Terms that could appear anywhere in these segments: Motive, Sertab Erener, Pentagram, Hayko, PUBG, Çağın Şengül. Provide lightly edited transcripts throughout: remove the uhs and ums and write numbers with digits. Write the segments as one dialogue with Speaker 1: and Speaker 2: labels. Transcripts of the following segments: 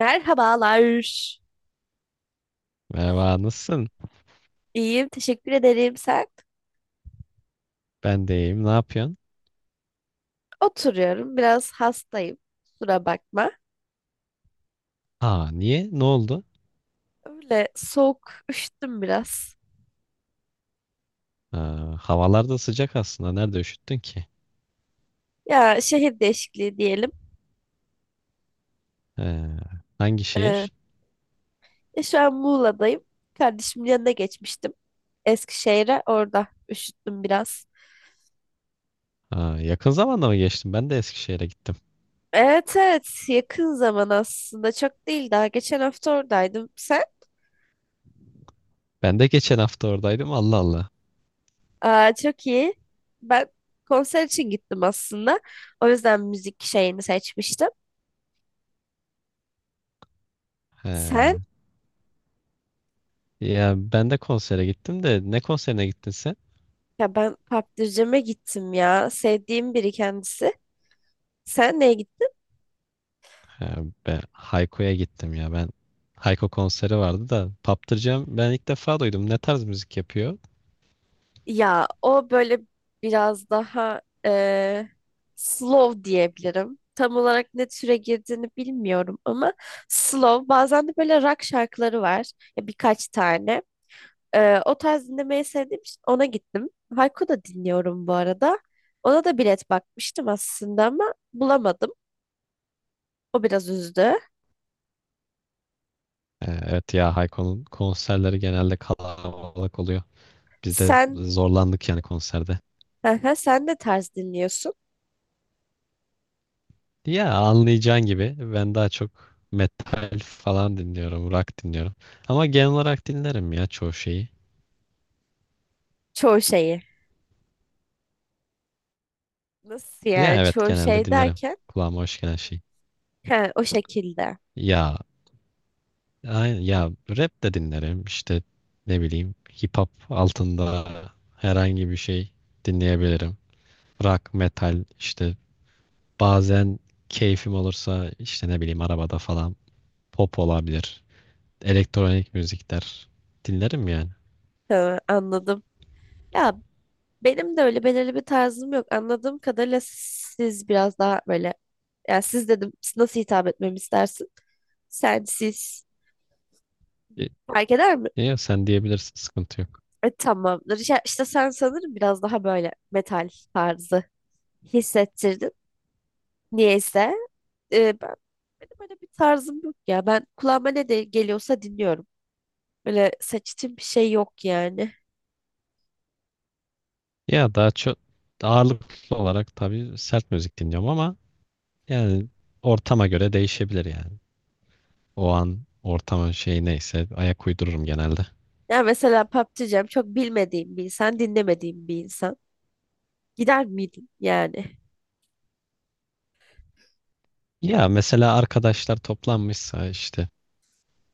Speaker 1: Merhabalar.
Speaker 2: Merhaba, nasılsın?
Speaker 1: İyiyim, teşekkür ederim. Sen?
Speaker 2: Ben de iyiyim. Ne yapıyorsun?
Speaker 1: Oturuyorum, biraz hastayım. Kusura bakma.
Speaker 2: Aa, niye? Ne oldu?
Speaker 1: Öyle soğuk, üşüttüm biraz.
Speaker 2: Aa, havalar da sıcak aslında. Nerede üşüttün ki?
Speaker 1: Ya şehir değişikliği diyelim.
Speaker 2: Ee, Hangi
Speaker 1: Ee,
Speaker 2: şehir?
Speaker 1: Ya şu an Muğla'dayım. Kardeşimin yanına geçmiştim. Eskişehir'e orada üşüttüm biraz.
Speaker 2: Aa, yakın zamanda mı geçtin? Ben de Eskişehir'e gittim.
Speaker 1: Evet, evet, yakın zaman aslında, çok değil, daha geçen hafta oradaydım. Sen?
Speaker 2: Ben de geçen hafta oradaydım. Allah Allah.
Speaker 1: Aa, çok iyi. Ben konser için gittim aslında. O yüzden müzik şeyini seçmiştim. Sen?
Speaker 2: Ee, Ya ben de konsere gittim de, ne konserine gittin sen?
Speaker 1: Ya ben kaptırcama gittim ya. Sevdiğim biri kendisi. Sen neye gittin?
Speaker 2: Ee, Ben Hayko'ya gittim ya. Ben Hayko konseri vardı da Paptıracağım. Ben ilk defa duydum. Ne tarz müzik yapıyor?
Speaker 1: Ya o böyle biraz daha slow diyebilirim. Tam olarak ne türe girdiğini bilmiyorum ama slow. Bazen de böyle rock şarkıları var. Ya birkaç tane. O tarz dinlemeyi sevdiğim için ona gittim. Hayko da dinliyorum bu arada. Ona da bilet bakmıştım aslında ama bulamadım. O biraz üzdü.
Speaker 2: Evet, ya Hayko'nun konserleri genelde kalabalık oluyor. Biz de
Speaker 1: Sen,
Speaker 2: zorlandık yani konserde.
Speaker 1: sen ne tarz dinliyorsun?
Speaker 2: Ya anlayacağın gibi ben daha çok metal falan dinliyorum, rock dinliyorum. Ama genel olarak dinlerim ya, çoğu şeyi.
Speaker 1: Çoğu şeyi. Nasıl
Speaker 2: Ya
Speaker 1: yani,
Speaker 2: evet,
Speaker 1: çoğu
Speaker 2: genelde
Speaker 1: şey
Speaker 2: dinlerim.
Speaker 1: derken?
Speaker 2: Kulağıma hoş gelen şey.
Speaker 1: Ha, o şekilde.
Speaker 2: Ya aynen, ya rap de dinlerim. İşte ne bileyim, hip hop altında herhangi bir şey dinleyebilirim. Rock, metal işte, bazen keyfim olursa işte ne bileyim, arabada falan pop olabilir. Elektronik müzikler dinlerim yani.
Speaker 1: Tamam, anladım. Ya benim de öyle belirli bir tarzım yok. Anladığım kadarıyla siz biraz daha böyle, ya siz dedim, siz nasıl hitap etmemi istersin? Sen, siz,
Speaker 2: Ya,
Speaker 1: fark eder mi?
Speaker 2: ya, sen diyebilirsin, sıkıntı yok.
Speaker 1: Tamamdır. Ya, işte sen sanırım biraz daha böyle metal tarzı hissettirdin. Niyeyse e, ben benim öyle bir tarzım yok ya. Ben kulağıma ne de geliyorsa dinliyorum. Böyle seçtiğim bir şey yok yani.
Speaker 2: Ya daha çok ağırlıklı olarak tabii sert müzik dinliyorum ama yani ortama göre değişebilir yani. O an ortamın şeyi neyse ayak uydururum genelde.
Speaker 1: Ya mesela PUBG'cem çok bilmediğim bir insan, dinlemediğim bir insan. Gider miydin yani?
Speaker 2: Ya mesela arkadaşlar toplanmışsa, işte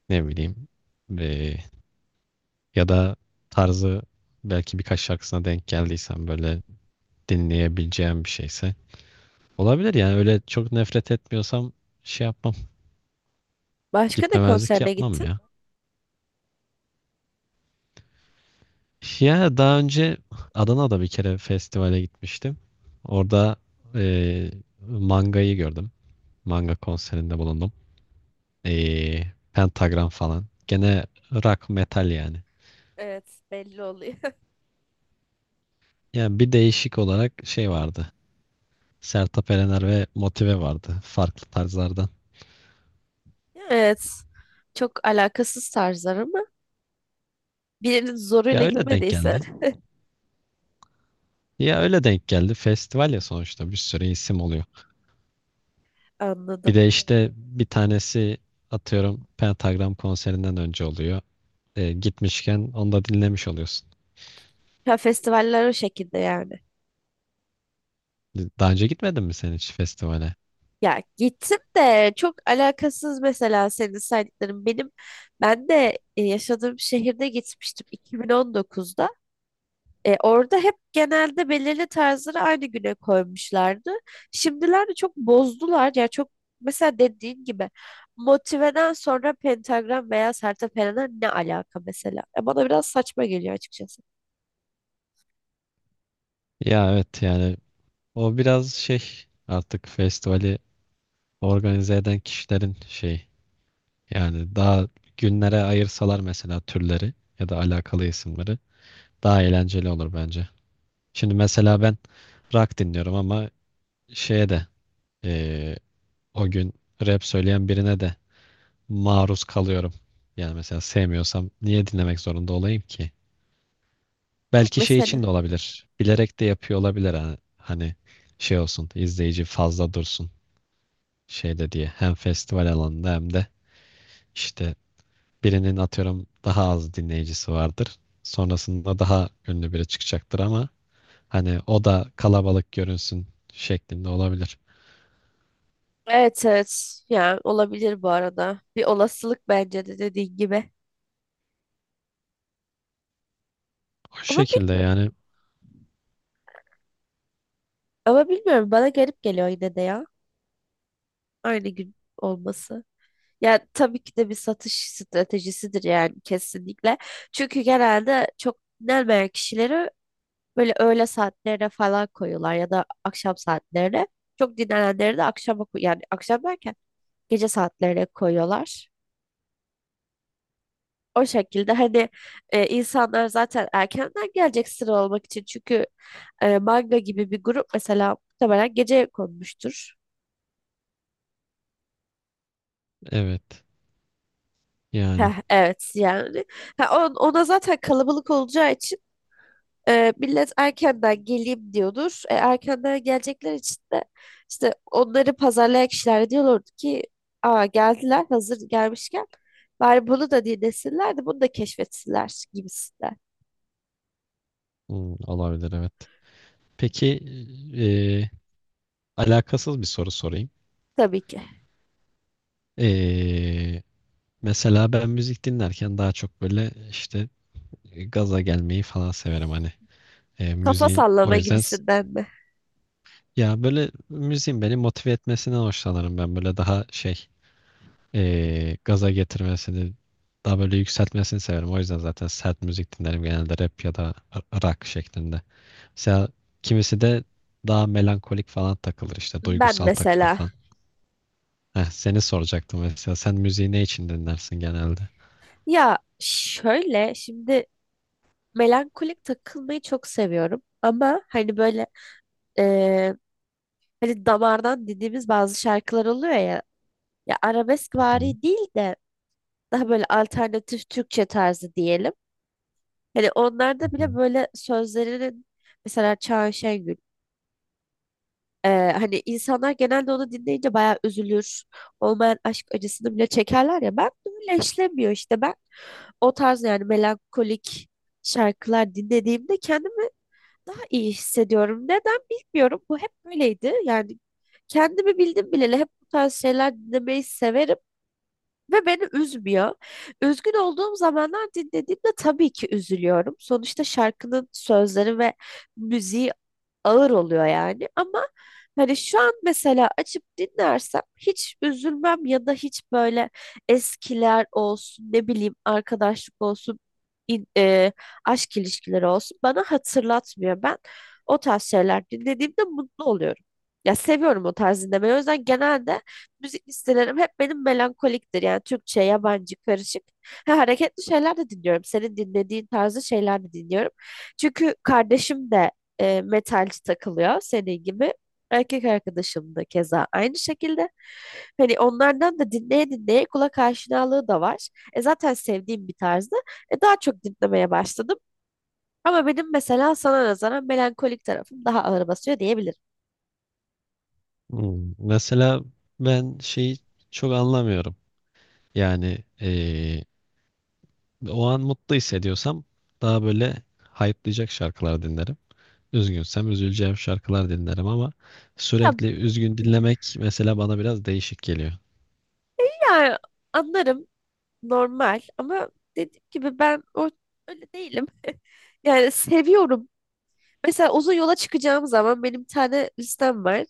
Speaker 2: ne bileyim, eee, ya da tarzı, belki birkaç şarkısına denk geldiysem, böyle dinleyebileceğim bir şeyse olabilir yani, öyle çok nefret etmiyorsam şey yapmam,
Speaker 1: Başka ne
Speaker 2: gitmemezlik
Speaker 1: konserine
Speaker 2: yapmam
Speaker 1: gittin?
Speaker 2: ya. Ya daha önce Adana'da bir kere festivale gitmiştim. Orada eee, mangayı gördüm. Manga konserinde bulundum. Pentagram falan. Gene rock, metal yani.
Speaker 1: Evet, belli oluyor.
Speaker 2: Yani bir değişik olarak şey vardı. Sertab Erener ve Motive vardı. Farklı tarzlardan.
Speaker 1: Evet. Çok alakasız tarzlar ama birinin
Speaker 2: Ya
Speaker 1: zoruyla
Speaker 2: öyle denk
Speaker 1: gitmediysen
Speaker 2: geldi. Ya öyle denk geldi. Festival ya sonuçta, bir sürü isim oluyor. Bir
Speaker 1: anladım.
Speaker 2: de işte bir tanesi atıyorum Pentagram konserinden önce oluyor. Gitmişken onu da dinlemiş oluyorsun.
Speaker 1: Ya festivaller o şekilde yani.
Speaker 2: Daha önce gitmedin mi sen hiç festivale?
Speaker 1: Ya gittim de çok alakasız mesela senin saydıkların. Ben de yaşadığım şehirde gitmiştim 2019'da. Orada hep genelde belirli tarzları aynı güne koymuşlardı. Şimdilerde çok bozdular. Yani çok, mesela dediğin gibi, motiveden sonra pentagram veya sertepereler, ne alaka mesela? Bana biraz saçma geliyor açıkçası.
Speaker 2: Ya evet yani, o biraz şey artık, festivali organize eden kişilerin şey, yani daha günlere ayırsalar mesela türleri ya da alakalı isimleri, daha eğlenceli olur bence. Şimdi mesela ben rock dinliyorum ama şeye de, eee, o gün rap söyleyen birine de maruz kalıyorum. Yani mesela sevmiyorsam niye dinlemek zorunda olayım ki?
Speaker 1: Ya
Speaker 2: Belki şey
Speaker 1: mesela
Speaker 2: için de olabilir. Bilerek de yapıyor olabilir, hani şey olsun, izleyici fazla dursun şeyde diye. Hem festival alanında hem de işte, birinin atıyorum daha az dinleyicisi vardır. Sonrasında daha ünlü biri çıkacaktır ama hani o da kalabalık görünsün şeklinde olabilir.
Speaker 1: Evet, evet. Yani olabilir bu arada. Bir olasılık bence de dediğin gibi.
Speaker 2: O
Speaker 1: Ama
Speaker 2: şekilde
Speaker 1: bilmiyorum.
Speaker 2: yani
Speaker 1: Ama bilmiyorum. Bana garip geliyor yine de ya. Aynı gün olması. Ya tabii ki de bir satış stratejisidir yani, kesinlikle. Çünkü genelde çok dinlenmeyen kişileri böyle öğle saatlerine falan koyuyorlar ya da akşam saatlerine. Çok dinlenenleri de akşama yani akşam derken gece saatlerine koyuyorlar. O şekilde hani insanlar zaten erkenden gelecek sıra olmak için. Çünkü manga gibi bir grup mesela muhtemelen gece konmuştur.
Speaker 2: evet yani.
Speaker 1: Heh, evet yani. Ha, ona zaten kalabalık olacağı için millet erkenden geleyim diyordur. Erkenden gelecekler için de işte onları pazarlayan kişiler diyorlardı ki, aa, geldiler, hazır gelmişken bari bunu da dinlesinler de bunu da keşfetsinler gibisinden.
Speaker 2: Olabilir, evet. Peki, e, alakasız bir soru sorayım.
Speaker 1: Tabii ki.
Speaker 2: E, Mesela ben müzik dinlerken daha çok böyle işte gaza gelmeyi falan severim, hani
Speaker 1: Kafa
Speaker 2: müziğin o
Speaker 1: sallama
Speaker 2: yüzden
Speaker 1: gibisinden mi?
Speaker 2: ya böyle müziğin beni motive etmesinden hoşlanırım, ben böyle daha şey, gaza getirmesini, daha böyle yükseltmesini severim, o yüzden zaten sert müzik dinlerim genelde, rap ya da rock şeklinde. Mesela kimisi de daha melankolik falan takılır işte,
Speaker 1: Ben
Speaker 2: duygusal takılır
Speaker 1: mesela.
Speaker 2: falan. Heh, seni soracaktım mesela, sen müziği ne için dinlersin genelde?
Speaker 1: Ya şöyle şimdi, melankolik takılmayı çok seviyorum. Ama hani böyle e, hani damardan dediğimiz bazı şarkılar oluyor ya. Ya arabesk
Speaker 2: Hı hı.
Speaker 1: vari değil de daha böyle alternatif Türkçe tarzı diyelim. Hani
Speaker 2: Hı
Speaker 1: onlarda
Speaker 2: hı.
Speaker 1: bile böyle sözlerinin, mesela Çağın Şengül. Hani insanlar genelde onu dinleyince bayağı üzülür. Olmayan aşk acısını bile çekerler ya. Ben de öyle işlemiyor işte. Ben o tarz, yani melankolik şarkılar dinlediğimde kendimi daha iyi hissediyorum. Neden bilmiyorum. Bu hep böyleydi. Yani kendimi bildim bileli hep bu tarz şeyler dinlemeyi severim ve beni üzmüyor. Üzgün olduğum zamanlar dinlediğimde tabii ki üzülüyorum. Sonuçta şarkının sözleri ve müziği ağır oluyor yani, ama hani şu an mesela açıp dinlersem hiç üzülmem ya da hiç böyle, eskiler olsun, ne bileyim, arkadaşlık olsun, in- e, aşk ilişkileri olsun, bana hatırlatmıyor. Ben o tarz şeyler dinlediğimde mutlu oluyorum. Ya seviyorum o tarz dinlemeyi. O yüzden genelde müzik listelerim hep benim melankoliktir. Yani Türkçe, yabancı, karışık. Ha, hareketli şeyler de dinliyorum. Senin dinlediğin tarzı şeyler de dinliyorum. Çünkü kardeşim de metalci takılıyor senin gibi. Erkek arkadaşım da keza aynı şekilde. Hani onlardan da dinleye dinleye kulak aşinalığı da var. Zaten sevdiğim bir tarzda. Daha çok dinlemeye başladım. Ama benim mesela sana nazaran melankolik tarafım daha ağır basıyor diyebilirim.
Speaker 2: Mesela ben şeyi çok anlamıyorum. Yani o an mutlu hissediyorsam daha böyle hype'layacak şarkılar dinlerim. Üzgünsem üzüleceğim şarkılar dinlerim ama
Speaker 1: Ya,
Speaker 2: sürekli üzgün dinlemek mesela bana biraz değişik geliyor.
Speaker 1: ya, anlarım, normal, ama dediğim gibi ben o öyle değilim. Yani seviyorum. Mesela uzun yola çıkacağım zaman benim bir tane listem var.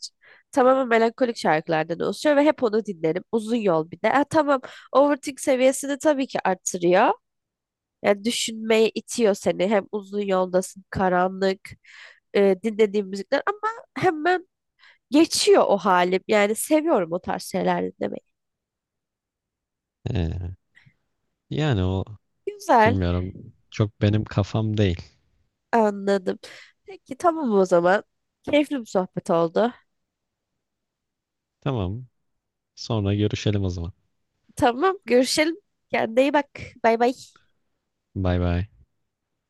Speaker 1: Tamamen melankolik şarkılardan oluşuyor ve hep onu dinlerim. Uzun yol bir de. Ha, tamam, overthink seviyesini tabii ki artırıyor. Yani düşünmeye itiyor seni. Hem uzun yoldasın, karanlık, dinlediğim müzikler, ama hemen geçiyor o halim. Yani seviyorum o tarz şeyler dinlemeyi.
Speaker 2: Ee, Yani o,
Speaker 1: Güzel,
Speaker 2: bilmiyorum, çok benim kafam değil.
Speaker 1: anladım. Peki, tamam o zaman. Keyifli bir sohbet oldu.
Speaker 2: Tamam, sonra görüşelim o zaman.
Speaker 1: Tamam, görüşelim. Kendine iyi bak. Bay bay.
Speaker 2: Bay bay.